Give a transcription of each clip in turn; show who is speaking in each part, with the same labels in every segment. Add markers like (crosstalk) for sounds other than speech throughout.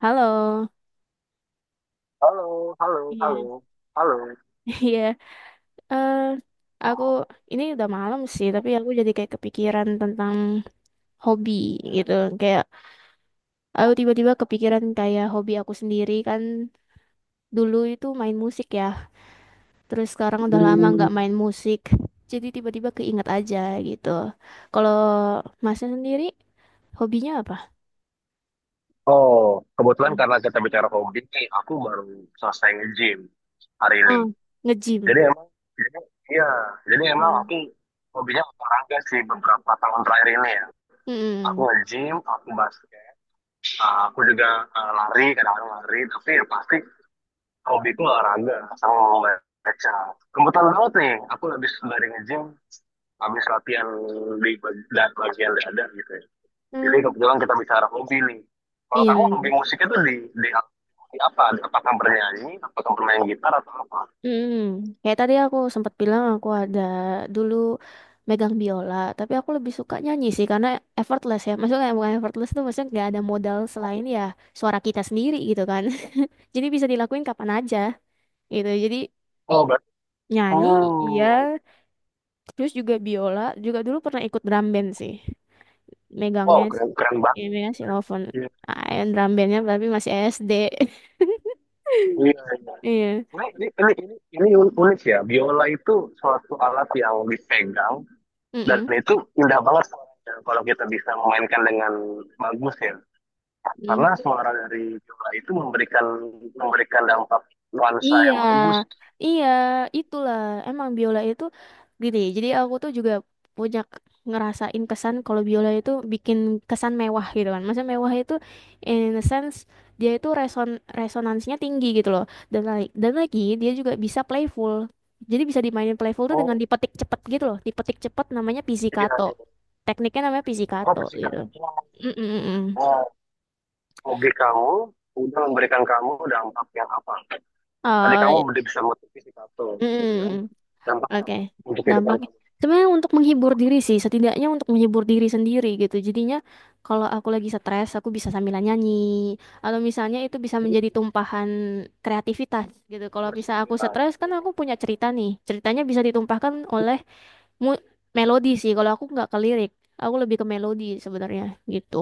Speaker 1: Halo,
Speaker 2: Halo, halo,
Speaker 1: iya,
Speaker 2: halo, halo.
Speaker 1: (laughs) iya. Eh, aku ini udah malam sih, tapi aku jadi kayak kepikiran tentang hobi gitu. Kayak aku tiba-tiba kepikiran kayak hobi aku sendiri kan dulu itu main musik ya. Terus sekarang udah lama
Speaker 2: Hmm.
Speaker 1: nggak main musik. Jadi tiba-tiba keinget aja gitu. Kalau masnya sendiri hobinya apa?
Speaker 2: Oh, kebetulan
Speaker 1: Hmm.
Speaker 2: karena kita bicara hobi nih, aku baru selesai nge-gym hari ini.
Speaker 1: Oh, nge-gym.
Speaker 2: Jadi emang, jadi, iya, jadi emang
Speaker 1: Hmm.
Speaker 2: aku hobinya olahraga sih beberapa tahun terakhir ini ya. Aku
Speaker 1: Mm-mm.
Speaker 2: nge-gym, aku basket, aku juga lari, kadang-kadang lari, tapi yang pasti hobiku olahraga sama membaca. Kebetulan banget nih, aku habis dari nge-gym, habis latihan di bag- dan bagian dada gitu ya. Jadi
Speaker 1: Hmm.
Speaker 2: kebetulan kita bicara hobi nih. Kalau
Speaker 1: Iya.
Speaker 2: kamu hobi musiknya tuh di, di apa? Apakah bernyanyi, apakah bermain gitar atau apa?
Speaker 1: Mm, kayak tadi aku sempat bilang aku ada dulu megang biola, tapi aku lebih suka nyanyi sih karena effortless ya. Maksudnya bukan effortless tuh maksudnya nggak ada modal selain ya suara kita sendiri gitu kan. (laughs) Jadi bisa dilakuin kapan aja gitu. Jadi
Speaker 2: Oh, berarti.
Speaker 1: nyanyi iya,
Speaker 2: Oh,
Speaker 1: terus juga biola, juga dulu pernah ikut drum band sih. Megangnya
Speaker 2: wow, keren, keren
Speaker 1: ya
Speaker 2: banget.
Speaker 1: megang xylophone.
Speaker 2: Iya,
Speaker 1: Ah, drum bandnya tapi masih SD. (laughs)
Speaker 2: iya. Iya.
Speaker 1: Iya.
Speaker 2: Ini unik ya. Biola itu suatu alat yang dipegang dan
Speaker 1: Mm-mm.
Speaker 2: itu indah banget suaranya kalau kita bisa memainkan dengan bagus ya.
Speaker 1: Mm.
Speaker 2: Karena suara dari biola itu memberikan memberikan dampak nuansa
Speaker 1: Iya,
Speaker 2: yang bagus.
Speaker 1: iya, itulah. Emang biola itu gini. Jadi aku tuh juga punya k- ngerasain kesan kalau biola itu bikin kesan mewah gitu kan. Maksudnya mewah itu in a sense dia itu resonansinya tinggi gitu loh. Dan lagi dia juga bisa playful. Jadi bisa dimainin playful tuh dengan
Speaker 2: Oh,
Speaker 1: dipetik cepet gitu loh. Dipetik cepet namanya
Speaker 2: iya,
Speaker 1: pizzicato.
Speaker 2: iya.
Speaker 1: Tekniknya namanya
Speaker 2: Oh,
Speaker 1: pizzicato gitu.
Speaker 2: fisikal.
Speaker 1: Mm -mm. Mm.
Speaker 2: Nah, hobi kamu udah memberikan kamu dampak yang apa? Tadi kamu
Speaker 1: Eh,
Speaker 2: udah bisa motivasi si gitu kan?
Speaker 1: mm.
Speaker 2: Dampaknya
Speaker 1: Oke,
Speaker 2: apa untuk kehidupan
Speaker 1: dampaknya
Speaker 2: kamu?
Speaker 1: sebenarnya untuk menghibur diri sih, setidaknya untuk menghibur diri sendiri gitu. Jadinya kalau aku lagi stres, aku bisa sambilan nyanyi atau misalnya itu bisa menjadi tumpahan kreativitas gitu. Kalau
Speaker 2: Musik,
Speaker 1: bisa aku
Speaker 2: ya.
Speaker 1: stres kan aku punya cerita nih, ceritanya bisa ditumpahkan oleh mu- melodi sih. Kalau aku nggak ke lirik, aku lebih ke melodi sebenarnya gitu.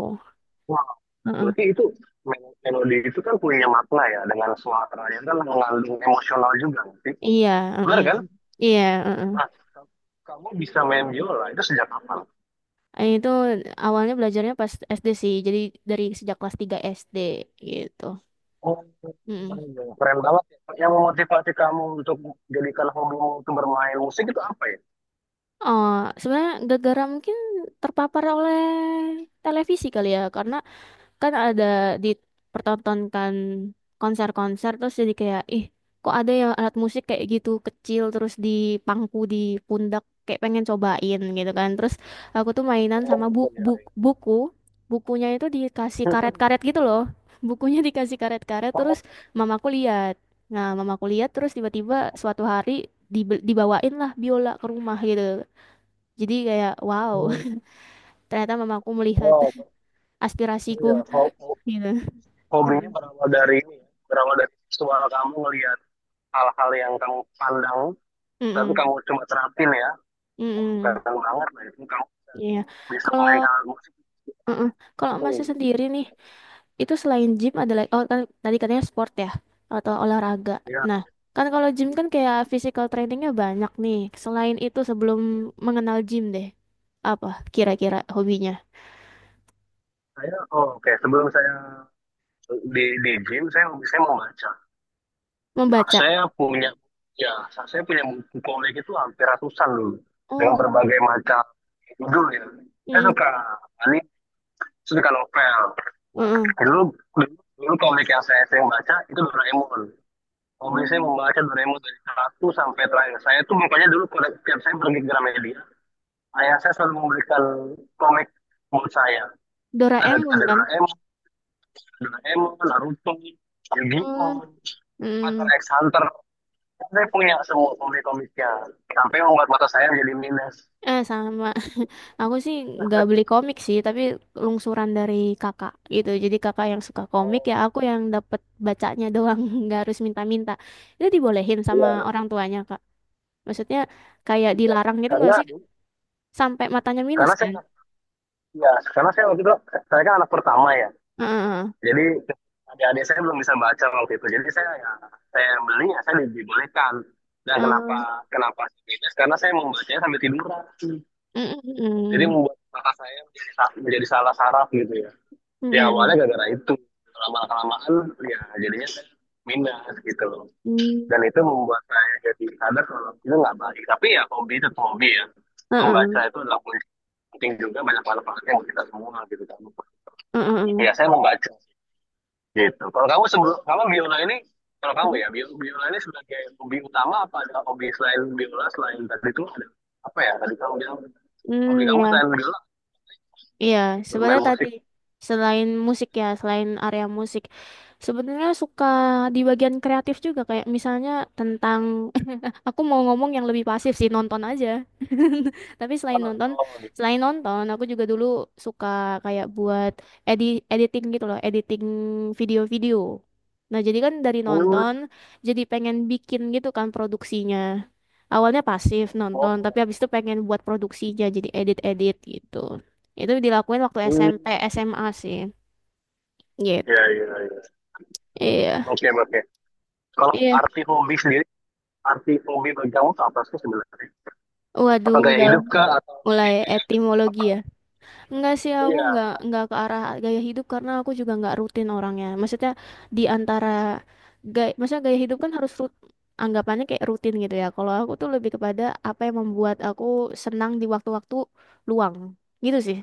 Speaker 2: Wah,
Speaker 1: Heeh.
Speaker 2: berarti itu melodi itu kan punya makna ya dengan suaranya kan mengandung emosional juga nggak sih?
Speaker 1: Iya,
Speaker 2: Benar
Speaker 1: heeh.
Speaker 2: kan?
Speaker 1: Iya, heeh.
Speaker 2: Nah, ka- kamu bisa main biola itu sejak kapan?
Speaker 1: Itu awalnya belajarnya pas SD sih, jadi dari sejak kelas 3 SD gitu.
Speaker 2: Oh,
Speaker 1: Mm-mm.
Speaker 2: keren banget ya. Yang memotivasi kamu untuk jadikan hobimu itu bermain musik itu apa ya?
Speaker 1: Oh, sebenarnya gara-gara mungkin terpapar oleh televisi kali ya, karena kan ada dipertontonkan konser-konser terus jadi kayak ih kok ada ya alat musik kayak gitu kecil terus dipangku di pundak kayak pengen cobain gitu kan terus aku tuh mainan sama
Speaker 2: Oh,
Speaker 1: bu
Speaker 2: iya,
Speaker 1: bu
Speaker 2: iya.
Speaker 1: buku bukunya itu dikasih
Speaker 2: Hmm.
Speaker 1: karet-karet gitu loh, bukunya (laughs) dikasih karet-karet terus mamaku lihat, nah mamaku lihat terus tiba-tiba suatu hari dibawain lah biola ke rumah gitu jadi kayak wow.
Speaker 2: Oh,
Speaker 1: (laughs) Ternyata mamaku melihat
Speaker 2: wow, betul
Speaker 1: aspirasiku
Speaker 2: ya.
Speaker 1: gitu.
Speaker 2: Hobinya berawal dari ini ya. Berawal dari visual kamu ngelihat hal-hal yang kamu pandang, tapi
Speaker 1: Mm-mm.
Speaker 2: kamu cuma terapin ya. Bukan
Speaker 1: Mm-mm.
Speaker 2: banget lah itu. Kamu
Speaker 1: Iya.
Speaker 2: bisa
Speaker 1: Kalau
Speaker 2: memainkan alat musik
Speaker 1: mm-mm. Kalau masnya
Speaker 2: itu.
Speaker 1: sendiri nih, itu selain gym ada lagi oh kan tadi katanya sport ya atau olahraga.
Speaker 2: Ya.
Speaker 1: Nah, kan kalau gym kan kayak physical trainingnya banyak nih. Selain itu sebelum mengenal gym deh, apa kira-kira hobinya?
Speaker 2: Oh, oke. Sebelum saya di gym, saya mau baca.
Speaker 1: Membaca.
Speaker 2: Saya punya, ya, saya punya buku komik itu hampir ratusan dulu. Dengan
Speaker 1: Oh.
Speaker 2: berbagai macam judul ya. Saya
Speaker 1: Mm-mm.
Speaker 2: suka, ini, saya suka novel.
Speaker 1: Mm-mm.
Speaker 2: Dulu, dulu, dulu komik yang saya sering baca itu Doraemon. Hobi saya
Speaker 1: Mm.
Speaker 2: membaca Doraemon dari satu sampai terakhir. Saya tuh makanya dulu pada tiap saya pergi ke Gramedia, ayah saya selalu memberikan komik buat saya. Ada
Speaker 1: Doraemon
Speaker 2: ada
Speaker 1: kan?
Speaker 2: Doraemon, Naruto, Yu-Gi-Oh,
Speaker 1: Mm.
Speaker 2: Hunter
Speaker 1: Mm.
Speaker 2: x Hunter. Saya punya semua komik-komiknya. Sampai membuat mata saya jadi minus.
Speaker 1: Eh sama. (laughs) Aku sih nggak beli komik sih, tapi lungsuran dari kakak gitu. Jadi kakak yang suka komik ya aku yang dapet bacanya doang, (laughs) nggak harus minta-minta. Itu dibolehin sama
Speaker 2: Iya.
Speaker 1: orang tuanya kak. Maksudnya kayak
Speaker 2: Iya.
Speaker 1: dilarang gitu
Speaker 2: Karena
Speaker 1: nggak sih? Sampai matanya minus
Speaker 2: karena saya,
Speaker 1: kan?
Speaker 2: ya, karena saya waktu itu, saya kan anak pertama ya.
Speaker 1: Heeh.
Speaker 2: Jadi adik-adik saya belum bisa baca waktu itu. Jadi saya, ya, saya beli, ya, saya dibolehkan. Dan kenapa
Speaker 1: Heeh.
Speaker 2: kenapa sih bebas? Karena saya membacanya sambil tiduran.
Speaker 1: Heeh.
Speaker 2: Jadi
Speaker 1: Heeh.
Speaker 2: membuat mata saya menjadi salah saraf gitu ya. Ya,
Speaker 1: Heeh.
Speaker 2: awalnya gara-gara itu. Lama-kelamaan ya jadinya saya minus gitu loh. Dan itu membuat saya jadi sadar kalau itu nggak baik. Tapi ya hobi itu hobi ya.
Speaker 1: Heeh.
Speaker 2: Membaca
Speaker 1: Heeh.
Speaker 2: itu adalah penting juga, banyak manfaatnya buat kita semua gitu kan.
Speaker 1: Heeh.
Speaker 2: Ya, saya membaca gitu. Kalau kamu sebelum, kalau biola ini, kalau kamu
Speaker 1: Heeh.
Speaker 2: ya, biola ini sebagai hobi utama, apa ada hobi selain biola, selain tadi itu ada apa ya, tadi kamu bilang hobi
Speaker 1: Hmm,
Speaker 2: kamu
Speaker 1: ya.
Speaker 2: selain biola
Speaker 1: Iya,
Speaker 2: bermain
Speaker 1: sebenarnya tadi
Speaker 2: musik,
Speaker 1: selain musik ya, selain area musik, sebenarnya suka di bagian kreatif juga kayak misalnya tentang Aku mau ngomong yang lebih pasif sih, nonton aja. (laughs) Tapi
Speaker 2: apa
Speaker 1: selain nonton,
Speaker 2: nonton?
Speaker 1: selain nonton, aku juga dulu suka kayak buat editing gitu loh, editing video-video. Nah, jadi kan dari
Speaker 2: Hmm.
Speaker 1: nonton jadi pengen bikin gitu kan produksinya. Awalnya pasif nonton,
Speaker 2: Oh,
Speaker 1: tapi
Speaker 2: keren.
Speaker 1: habis itu pengen buat produksinya jadi edit-edit gitu. Itu dilakuin waktu
Speaker 2: Hmm.
Speaker 1: SMP, SMA sih.
Speaker 2: Ya,
Speaker 1: Gitu.
Speaker 2: ya, ya.
Speaker 1: Iya.
Speaker 2: Oke, oke. Kalau
Speaker 1: Iya.
Speaker 2: arti hobi bagi kamu itu apa sih sebenarnya? Apa
Speaker 1: Waduh,
Speaker 2: gaya
Speaker 1: udah
Speaker 2: hidup kah, atau
Speaker 1: mulai
Speaker 2: lebih kayak
Speaker 1: etimologi
Speaker 2: apa?
Speaker 1: ya. Enggak sih, aku
Speaker 2: Iya,
Speaker 1: nggak ke arah gaya hidup karena aku juga nggak rutin orangnya. Maksudnya di antara gaya, maksudnya gaya hidup kan harus anggapannya kayak rutin gitu ya. Kalau aku tuh lebih kepada apa yang membuat aku senang di waktu-waktu luang. Gitu sih.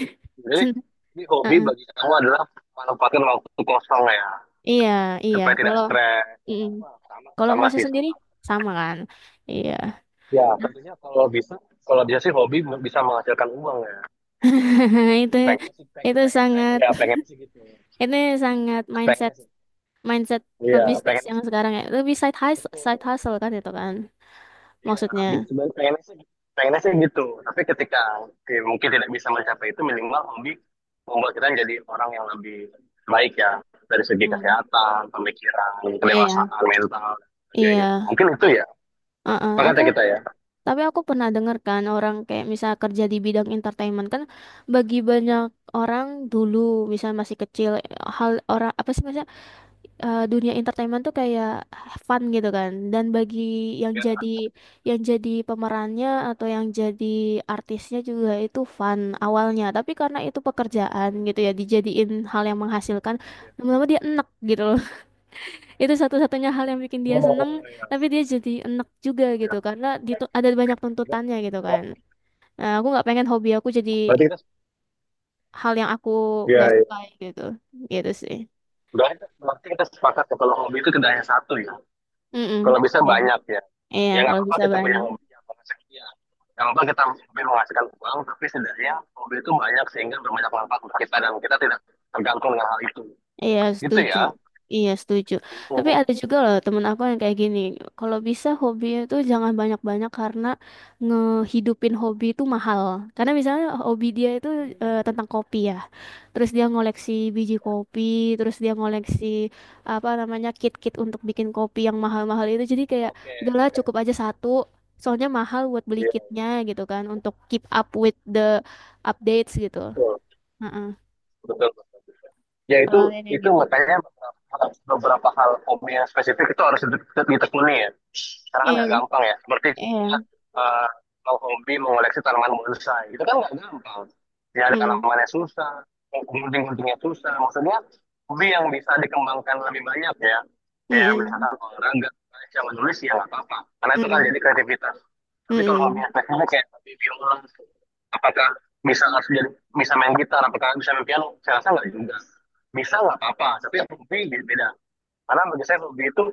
Speaker 1: (laughs)
Speaker 2: jadi
Speaker 1: Sen
Speaker 2: ini hobi
Speaker 1: Heeh.
Speaker 2: bagi kamu adalah manfaatkan waktu kosong ya,
Speaker 1: Iya, iya.
Speaker 2: supaya tidak
Speaker 1: Kalau
Speaker 2: stres.
Speaker 1: mm. Kalau
Speaker 2: Sama
Speaker 1: masa
Speaker 2: sih.
Speaker 1: sendiri sama kan? Iya.
Speaker 2: Ya, tentunya kalau bisa sih hobi bisa menghasilkan uang ya.
Speaker 1: (laughs) Itu
Speaker 2: Pengennya sih, pengen,
Speaker 1: itu
Speaker 2: pengen, pengen,
Speaker 1: sangat
Speaker 2: ya pengen sih gitu.
Speaker 1: itu sangat mindset
Speaker 2: Pengennya sih.
Speaker 1: mindset
Speaker 2: Iya.
Speaker 1: pebisnis
Speaker 2: Pengen
Speaker 1: yang
Speaker 2: sih.
Speaker 1: sekarang ya, lebih side hustle kan itu kan
Speaker 2: Iya.
Speaker 1: maksudnya.
Speaker 2: Sebenarnya pengennya sih gitu. Tapi ketika oke, mungkin tidak bisa mencapai itu, minimal hobi membuat kita jadi orang yang lebih baik ya. Dari segi
Speaker 1: Hmm.
Speaker 2: kesehatan, pemikiran,
Speaker 1: Iya.
Speaker 2: kedewasaan mental, dan sebagainya.
Speaker 1: Iya,
Speaker 2: Mungkin itu ya.
Speaker 1: uh-uh.
Speaker 2: Sepakat
Speaker 1: Apa,
Speaker 2: ya kita ya.
Speaker 1: tapi aku pernah dengar kan orang kayak misal kerja di bidang entertainment kan, bagi banyak orang dulu misal masih kecil, hal orang apa sih maksudnya dunia entertainment tuh kayak fun gitu kan. Dan bagi yang
Speaker 2: Ya,
Speaker 1: jadi yang jadi pemerannya atau yang jadi artisnya juga itu fun awalnya. Tapi karena itu pekerjaan gitu ya dijadiin hal yang menghasilkan, lama-lama dia enek gitu loh. (laughs) Itu satu-satunya hal yang bikin dia seneng, tapi dia jadi enek juga
Speaker 2: ya,
Speaker 1: gitu karena
Speaker 2: iya.
Speaker 1: ada banyak tuntutannya gitu kan. Nah, aku nggak pengen hobi aku jadi
Speaker 2: Berarti kita,
Speaker 1: hal yang aku nggak
Speaker 2: Ya, ya.
Speaker 1: sukai gitu. Gitu sih.
Speaker 2: Berarti kita sepakat ya kalau hobi itu tidak hanya satu ya.
Speaker 1: Mm-mm.
Speaker 2: Kalau bisa
Speaker 1: Iya,
Speaker 2: banyak ya.
Speaker 1: iya,
Speaker 2: Ya nggak
Speaker 1: kalau
Speaker 2: apa-apa
Speaker 1: bisa
Speaker 2: kita punya
Speaker 1: banyak.
Speaker 2: hobi yang sekian. Nggak apa-apa kita mungkin menghasilkan uang, tapi setidaknya hobi itu banyak sehingga berbanyak manfaat untuk kita dan kita tidak tergantung dengan hal itu.
Speaker 1: Iya,
Speaker 2: Gitu
Speaker 1: setuju.
Speaker 2: ya.
Speaker 1: Iya, setuju. Tapi
Speaker 2: Itu.
Speaker 1: ada juga loh temen aku yang kayak gini. Kalau bisa hobi itu jangan banyak-banyak karena ngehidupin hobi itu mahal. Karena misalnya hobi dia itu tentang kopi ya. Terus dia ngoleksi biji kopi, terus dia ngoleksi apa namanya kit-kit untuk bikin kopi yang mahal-mahal itu. Jadi kayak udahlah cukup aja satu. Soalnya mahal buat beli
Speaker 2: Iya,
Speaker 1: kitnya gitu kan untuk keep up with the updates gitu.
Speaker 2: betul.
Speaker 1: Heeh.
Speaker 2: Betul. Ya, itu
Speaker 1: Kalau ada yang
Speaker 2: itu
Speaker 1: gitu.
Speaker 2: makanya beberapa hal hobi yang spesifik itu harus ditekuni ya, karena kan
Speaker 1: Iya,
Speaker 2: nggak
Speaker 1: kan?
Speaker 2: gampang ya, seperti
Speaker 1: Iya.
Speaker 2: contohnya, eh, kalau hobi mengoleksi tanaman bonsai itu kan nggak gampang ya, ada
Speaker 1: Mm,
Speaker 2: tanamannya susah, gunting-guntingnya susah, maksudnya hobi yang bisa dikembangkan lebih banyak ya, kayak
Speaker 1: mm,
Speaker 2: misalkan olahraga, baca, menulis, ya nggak apa-apa karena itu kan
Speaker 1: mm,
Speaker 2: jadi kreativitas.
Speaker 1: mm,
Speaker 2: Tapi kalau hobi
Speaker 1: mm,
Speaker 2: yang teknisnya kayak hobi biola, apakah bisa ngasih jadi bisa main gitar, apakah bisa main piano? Saya rasa nggak juga. Bisa nggak apa-apa, tapi yang hobi beda. Karena bagi saya hobi itu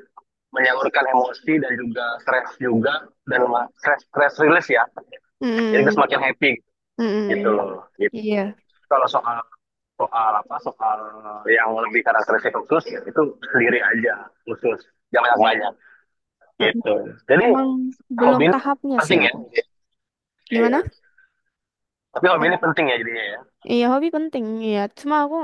Speaker 2: menyalurkan emosi dan juga stres juga, dan stress stress release ya.
Speaker 1: mm,
Speaker 2: Jadi kita
Speaker 1: mm,
Speaker 2: semakin happy
Speaker 1: mm,
Speaker 2: gitu
Speaker 1: mm.
Speaker 2: loh. Gitu.
Speaker 1: Iya.
Speaker 2: Kalau soal soal apa soal yang lebih karakteristik khusus ya, itu sendiri aja khusus, jangan banyak banyak
Speaker 1: Mm.
Speaker 2: gitu. Jadi
Speaker 1: Emang belum
Speaker 2: hobi ini
Speaker 1: tahapnya sih
Speaker 2: penting ya.
Speaker 1: aku. Gimana?
Speaker 2: Iya. Tapi hobi
Speaker 1: Hob-
Speaker 2: ini penting ya jadinya ya.
Speaker 1: Iya hobi penting. Iya. Cuma aku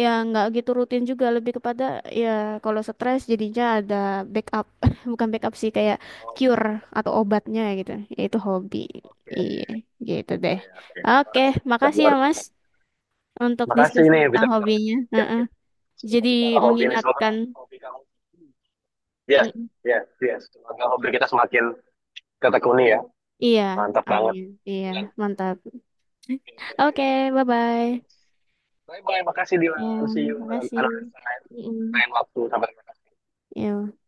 Speaker 1: ya nggak gitu rutin juga. Lebih kepada ya kalau stres jadinya ada backup. (laughs) Bukan backup sih, kayak cure atau obatnya gitu. Ya itu hobi.
Speaker 2: Oke,
Speaker 1: Iya. Gitu deh.
Speaker 2: oke, oke. Luar
Speaker 1: Oke.
Speaker 2: biasa,
Speaker 1: Makasih ya
Speaker 2: luar
Speaker 1: Mas
Speaker 2: biasa.
Speaker 1: untuk
Speaker 2: Makasih
Speaker 1: diskusi
Speaker 2: nih
Speaker 1: tentang
Speaker 2: kita bicara
Speaker 1: hobinya. Heeh.
Speaker 2: kita
Speaker 1: Jadi
Speaker 2: bicara hobi ini, semoga
Speaker 1: mengingatkan.
Speaker 2: yes, yes, yes. Semoga hobi kita semakin ketekuni ya.
Speaker 1: Iya,
Speaker 2: Mantap banget.
Speaker 1: amin. Iya,
Speaker 2: Dilan.
Speaker 1: mantap. Oke, bye-bye.
Speaker 2: Bye bye, makasih Dilan.
Speaker 1: Ya,
Speaker 2: See you
Speaker 1: makasih.
Speaker 2: another time.
Speaker 1: Mm,
Speaker 2: Lain waktu sampai
Speaker 1: yuk.